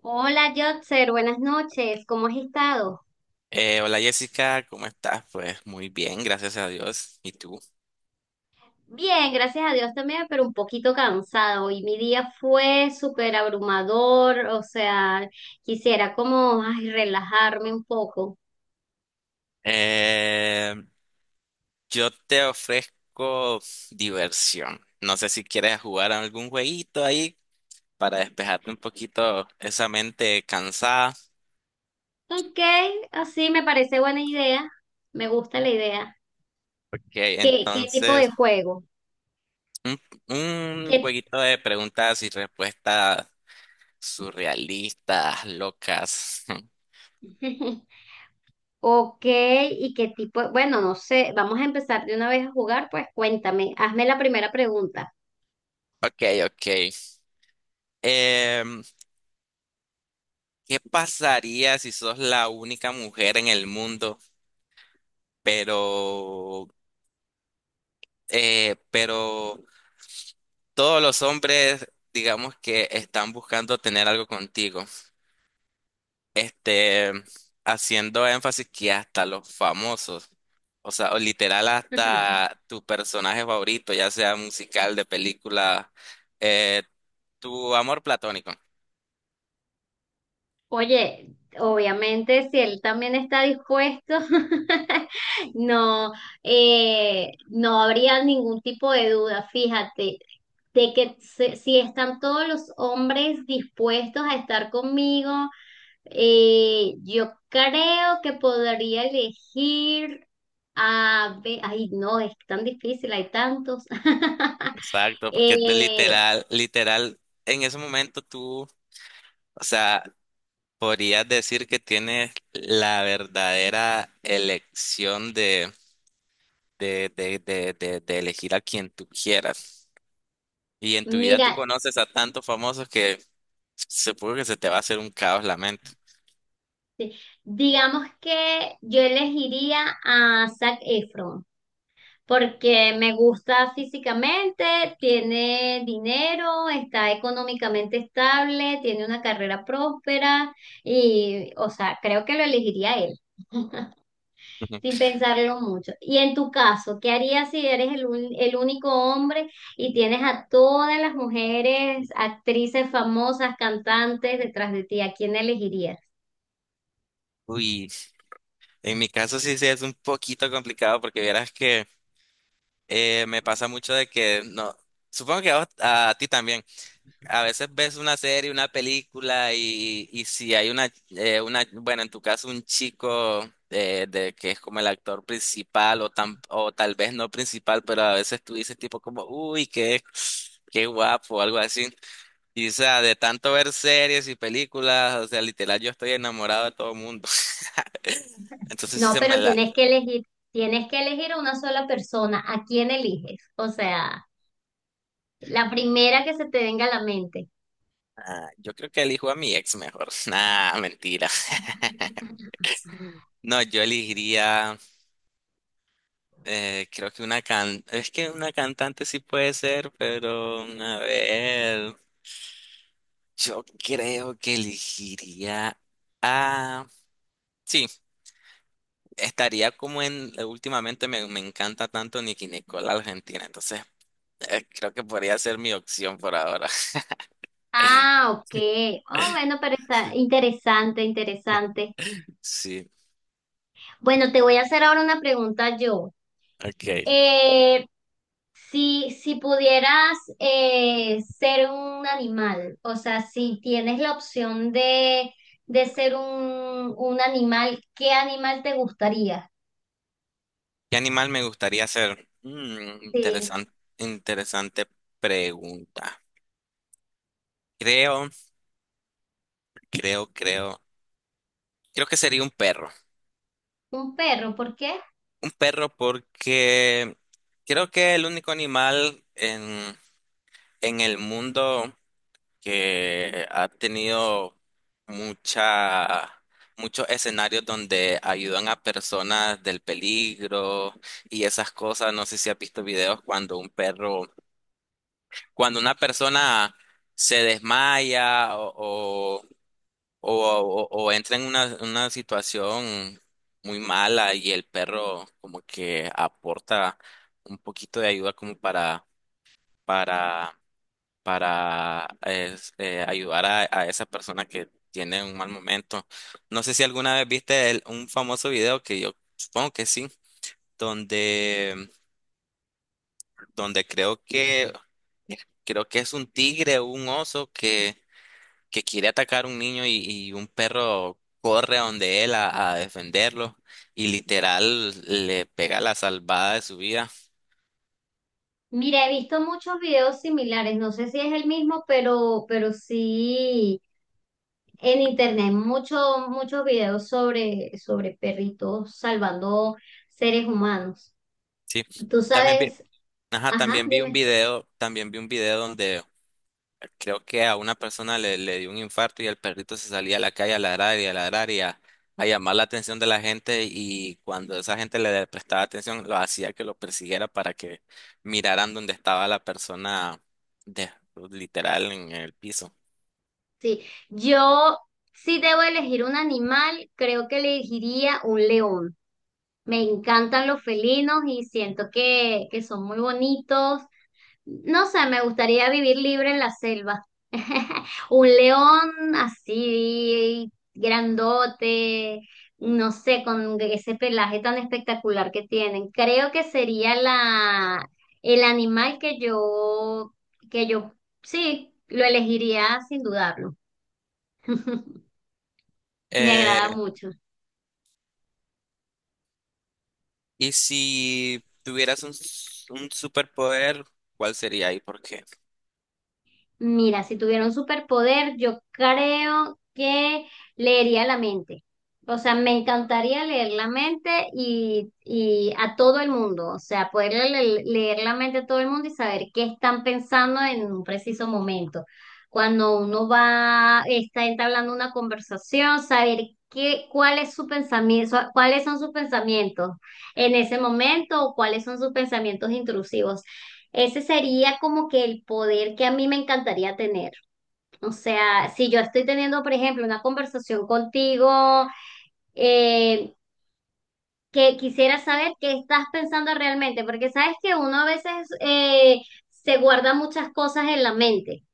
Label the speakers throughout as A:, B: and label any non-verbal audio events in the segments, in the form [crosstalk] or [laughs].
A: Hola, Jotzer, buenas noches. ¿Cómo has estado?
B: Hola, Jessica, ¿cómo estás? Pues muy bien, gracias a Dios. ¿Y tú?
A: Bien, gracias a Dios también, pero un poquito cansado. Hoy mi día fue súper abrumador, o sea, quisiera como ay, relajarme un poco.
B: Eh, yo te ofrezco diversión. No sé si quieres jugar a algún jueguito ahí para despejarte un poquito esa mente cansada.
A: Ok, así me parece buena idea. Me gusta la idea.
B: Ok,
A: ¿Qué tipo de
B: entonces,
A: juego?
B: un, un
A: ¿Qué...
B: jueguito de preguntas y respuestas surrealistas, locas. [laughs]
A: [laughs] Ok, ¿y qué tipo? Bueno, no sé, vamos a empezar de una vez a jugar, pues cuéntame, hazme la primera pregunta.
B: Ok, ok. Em, ¿Qué pasaría si sos la única mujer en el mundo? Pero, pero todos los hombres, digamos que están buscando tener algo contigo, este, haciendo énfasis que hasta los famosos, o sea, o literal
A: [laughs]
B: hasta tu personaje favorito, ya sea musical, de película, eh, tu amor platónico.
A: Oye, obviamente si él también está dispuesto, [laughs] no, no habría ningún tipo de duda, fíjate, de que si están todos los hombres dispuestos a estar conmigo, yo creo que podría elegir a ay, no, es tan difícil, hay tantos. [laughs]
B: Exacto, porque de
A: Eh,
B: literal, literal, en ese momento tú, o sea, podrías decir que tienes la verdadera elección de de elegir a quien tú quieras. Y en tu vida
A: mira,
B: tú conoces a tantos famosos que supongo que se te va a hacer un caos la mente.
A: Digamos que yo elegiría a Zac Efron porque me gusta físicamente, tiene dinero, está económicamente estable, tiene una carrera próspera y, o sea, creo que lo elegiría a él, sin
B: [laughs]
A: pensarlo mucho. Y en tu caso, ¿qué harías si eres el único hombre y tienes a todas las mujeres, actrices famosas, cantantes detrás de ti? ¿A quién elegirías?
B: Uy, en mi caso sí, sí es un poquito complicado porque verás que me pasa mucho de que no, supongo que a ti también. A veces ves una serie, una película y si hay una, bueno, en tu caso un chico de que es como el actor principal o tal vez no principal, pero a veces tú dices tipo como, uy, qué guapo, o algo así. Y o sea, de tanto ver series y películas, o sea, literal yo estoy enamorado de todo el mundo. [laughs] Entonces sí
A: No,
B: se me.
A: pero tienes que elegir a una sola persona. ¿A quién eliges? O sea, la primera que se te venga a la mente.
B: Ah, yo creo que elijo a mi ex mejor. [laughs] Nah, mentira. [laughs] No, yo elegiría. Creo que una can... Es que una cantante sí puede ser, pero a ver, yo creo que elegiría a... Sí, estaría como en... Últimamente me encanta tanto Nicki Nicole Argentina, entonces creo que podría ser mi opción por ahora. [laughs]
A: Ah, ok. Oh, bueno, pero está
B: Sí.
A: interesante, interesante.
B: Sí,
A: Bueno, te voy a hacer ahora una pregunta yo.
B: ok.
A: Eh, si pudieras ser un animal, o sea, si tienes la opción de ser un animal, ¿qué animal te gustaría?
B: ¿Qué animal me gustaría ser?
A: Sí.
B: Interesante, interesante pregunta. Creo, creo, creo. Creo que sería un perro.
A: Un perro, ¿por qué?
B: Perro porque creo que el único animal en el mundo que ha tenido mucha, muchos escenarios donde ayudan a personas del peligro y esas cosas. No sé si has visto videos cuando un perro, cuando una persona se desmaya o entra en una situación muy mala y el perro como que aporta un poquito de ayuda como para, ayudar a esa persona que tiene un mal momento. No sé si alguna vez viste un famoso video que yo supongo que sí, donde, donde creo que es un tigre o un oso que quiere atacar a un niño y un perro corre a donde él a defenderlo y literal le pega la salvada de su vida.
A: Mira, he visto muchos videos similares, no sé si es el mismo, pero sí, en internet muchos, muchos videos sobre, sobre perritos salvando seres humanos.
B: Sí,
A: Tú
B: también vi,
A: sabes,
B: ajá,
A: ajá, dime.
B: también vi un video donde creo que a una persona le dio un infarto y el perrito se salía a la calle a ladrar y a ladrar y a llamar la atención de la gente y cuando esa gente le prestaba atención lo hacía que lo persiguiera para que miraran dónde estaba la persona de, literal en el piso.
A: Sí, yo si debo elegir un animal, creo que elegiría un león. Me encantan los felinos y siento que son muy bonitos. No sé, me gustaría vivir libre en la selva. [laughs] Un león así grandote, no sé, con ese pelaje tan espectacular que tienen. Creo que sería la el animal que yo sí, lo elegiría sin dudarlo. Me agrada
B: Eh,
A: mucho.
B: Y si tuvieras un superpoder, ¿cuál sería y por qué?
A: Mira, si tuviera un superpoder, yo creo que leería la mente. O sea, me encantaría leer la mente y a todo el mundo. O sea, poder leer la mente a todo el mundo y saber qué están pensando en un preciso momento. Cuando uno va, está entablando una conversación, saber qué, cuál es su pensamiento, cuáles son sus pensamientos en ese momento o cuáles son sus pensamientos intrusivos. Ese sería como que el poder que a mí me encantaría tener. O sea, si yo estoy teniendo, por ejemplo, una conversación contigo, eh, que quisiera saber qué estás pensando realmente, porque sabes que uno a veces se guarda muchas cosas en la mente.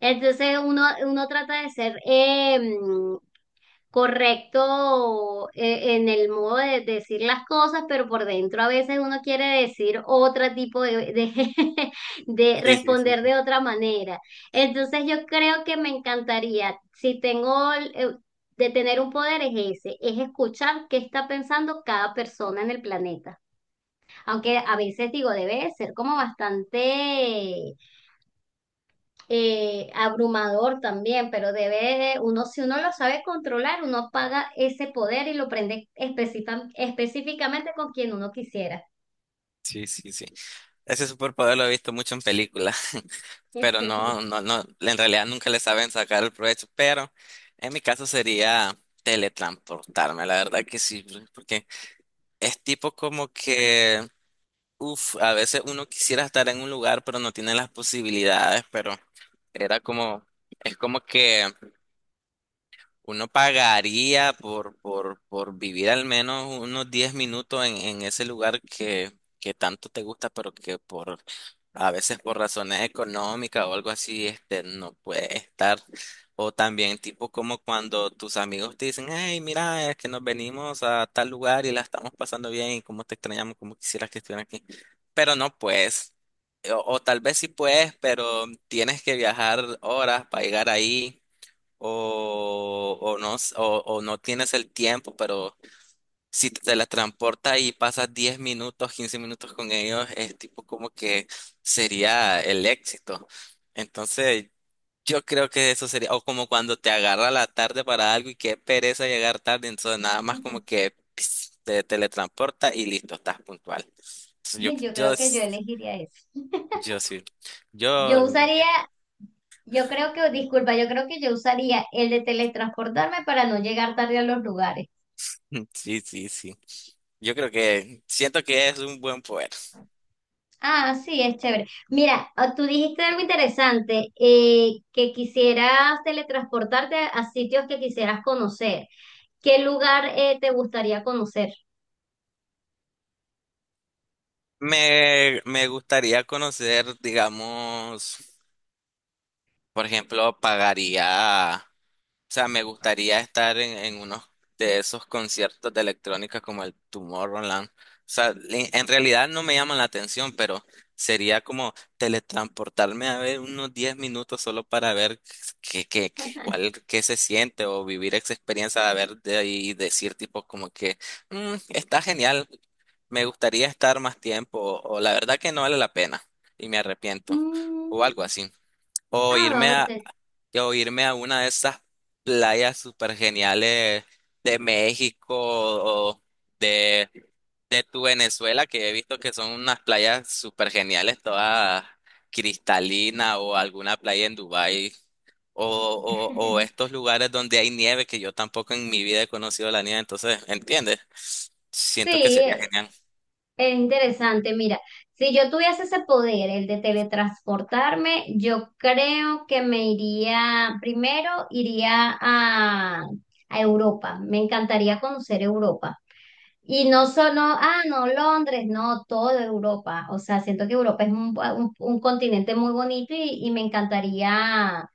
A: Entonces uno trata de ser, correcto en el modo de decir las cosas, pero por dentro a veces uno quiere decir otro tipo [laughs] de
B: Sí, sí, sí.
A: responder de otra manera. Entonces yo creo que me encantaría, si tengo de tener un poder es ese, es escuchar qué está pensando cada persona en el planeta. Aunque a veces digo, debe de ser como bastante abrumador también, pero debe, uno, si uno lo sabe controlar, uno paga ese poder y lo prende específicamente con quien uno quisiera.
B: Sí, sí, sí. Sí. Ese superpoder lo he visto mucho en películas, [laughs] pero no,
A: [laughs]
B: no, no, en realidad nunca le saben sacar el provecho, pero en mi caso sería teletransportarme, la verdad que sí, porque es tipo como que, uff, a veces uno quisiera estar en un lugar, pero no tiene las posibilidades, pero era como, es como que. Uno pagaría por vivir al menos unos 10 minutos en ese lugar que tanto te gusta, pero que por a veces por razones económicas o algo así, este, no puede estar. O también tipo como cuando tus amigos te dicen, hey, mira, es que nos venimos a tal lugar y la estamos pasando bien y cómo te extrañamos, cómo quisieras que estuvieran aquí. Pero no puedes. O tal vez sí puedes, pero tienes que viajar horas para llegar ahí o no, s- o no tienes el tiempo, pero si te la transporta y pasas 10 minutos, 15 minutos con ellos, es tipo como que sería el éxito. Entonces, yo creo que eso sería, o como cuando te agarra la tarde para algo y qué pereza llegar tarde, entonces nada más como que pis, te teletransporta y listo, estás puntual. Entonces, yo,
A: Yo
B: yo,
A: creo que
B: s-
A: yo elegiría eso.
B: yo sí,
A: Yo
B: yo,
A: usaría, yo creo que, disculpa, yo creo que yo usaría el de teletransportarme para no llegar tarde a los lugares.
B: [laughs] sí, sí, sí. Yo creo que siento que es un buen poder.
A: Ah, sí, es chévere. Mira, ah, tú dijiste algo interesante, que quisieras teletransportarte a sitios que quisieras conocer. ¿Qué lugar te gustaría conocer?
B: Me gustaría conocer, digamos, por ejemplo, pagaría. O sea, me gustaría estar en unos de esos conciertos de electrónica como el Tomorrowland. O sea, en realidad no me llaman la atención, pero sería como teletransportarme a ver unos 10 minutos solo para ver qué se siente o vivir esa experiencia de ver de ahí y decir tipo como que "Mm, está genial, me gustaría estar más tiempo o la verdad que no vale la pena y me arrepiento o
A: Mm,
B: algo así". O
A: ah,
B: irme a,
A: este...
B: o irme a una de esas playas súper geniales de México o de, de tu Venezuela, que he visto que son unas playas súper geniales, todas cristalinas o alguna playa en Dubái. O
A: [laughs]
B: estos lugares donde hay nieve, que yo tampoco en mi vida he conocido la nieve, entonces, ¿entiendes?
A: Sí,
B: Siento que sería
A: eh,
B: genial.
A: es interesante. Mira, si yo tuviese ese poder, el de teletransportarme, yo creo que me iría, primero iría a Europa. Me encantaría conocer Europa. Y no solo, ah, no, Londres, no, toda Europa. O sea, siento que Europa es un continente muy bonito y me encantaría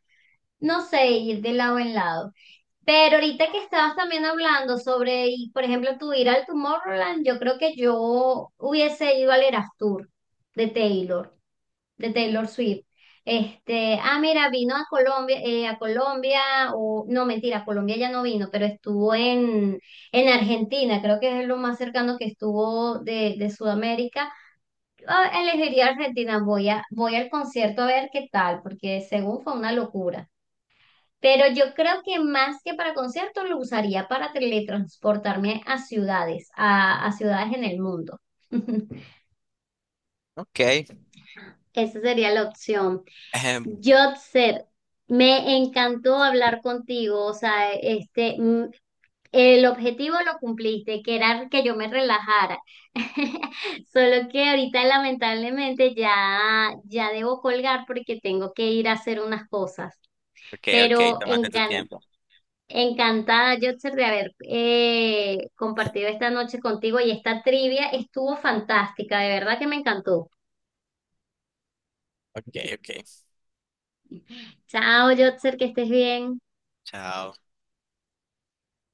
A: no sé, ir de lado en lado. Pero ahorita que estabas también hablando sobre, y, por ejemplo, tu ir al Tomorrowland, yo creo que yo hubiese ido al Eras Tour de Taylor, de Taylor Swift. Este, ah, mira, vino a Colombia, o no, mentira, a Colombia ya no vino, pero estuvo en Argentina, creo que es lo más cercano que estuvo de Sudamérica. Yo elegiría Argentina, voy a, voy al concierto a ver qué tal, porque según fue una locura. Pero yo creo que más que para conciertos lo usaría para teletransportarme a ciudades en el mundo. [laughs]
B: Ok. [laughs]
A: Esa sería la opción.
B: Ejem,
A: Jotzer, me encantó hablar contigo. O sea, este, mm, el objetivo lo cumpliste, que era que yo me relajara. [laughs] Solo que ahorita lamentablemente ya, ya debo colgar porque tengo que ir a hacer unas cosas.
B: Ok, ok,
A: Pero
B: tómate tu tiempo.
A: encantada, Yotzer, de haber compartido esta noche contigo y esta trivia estuvo fantástica, de verdad que me encantó.
B: Ok, ok.
A: Chao, Yotzer, que estés bien.
B: Chao.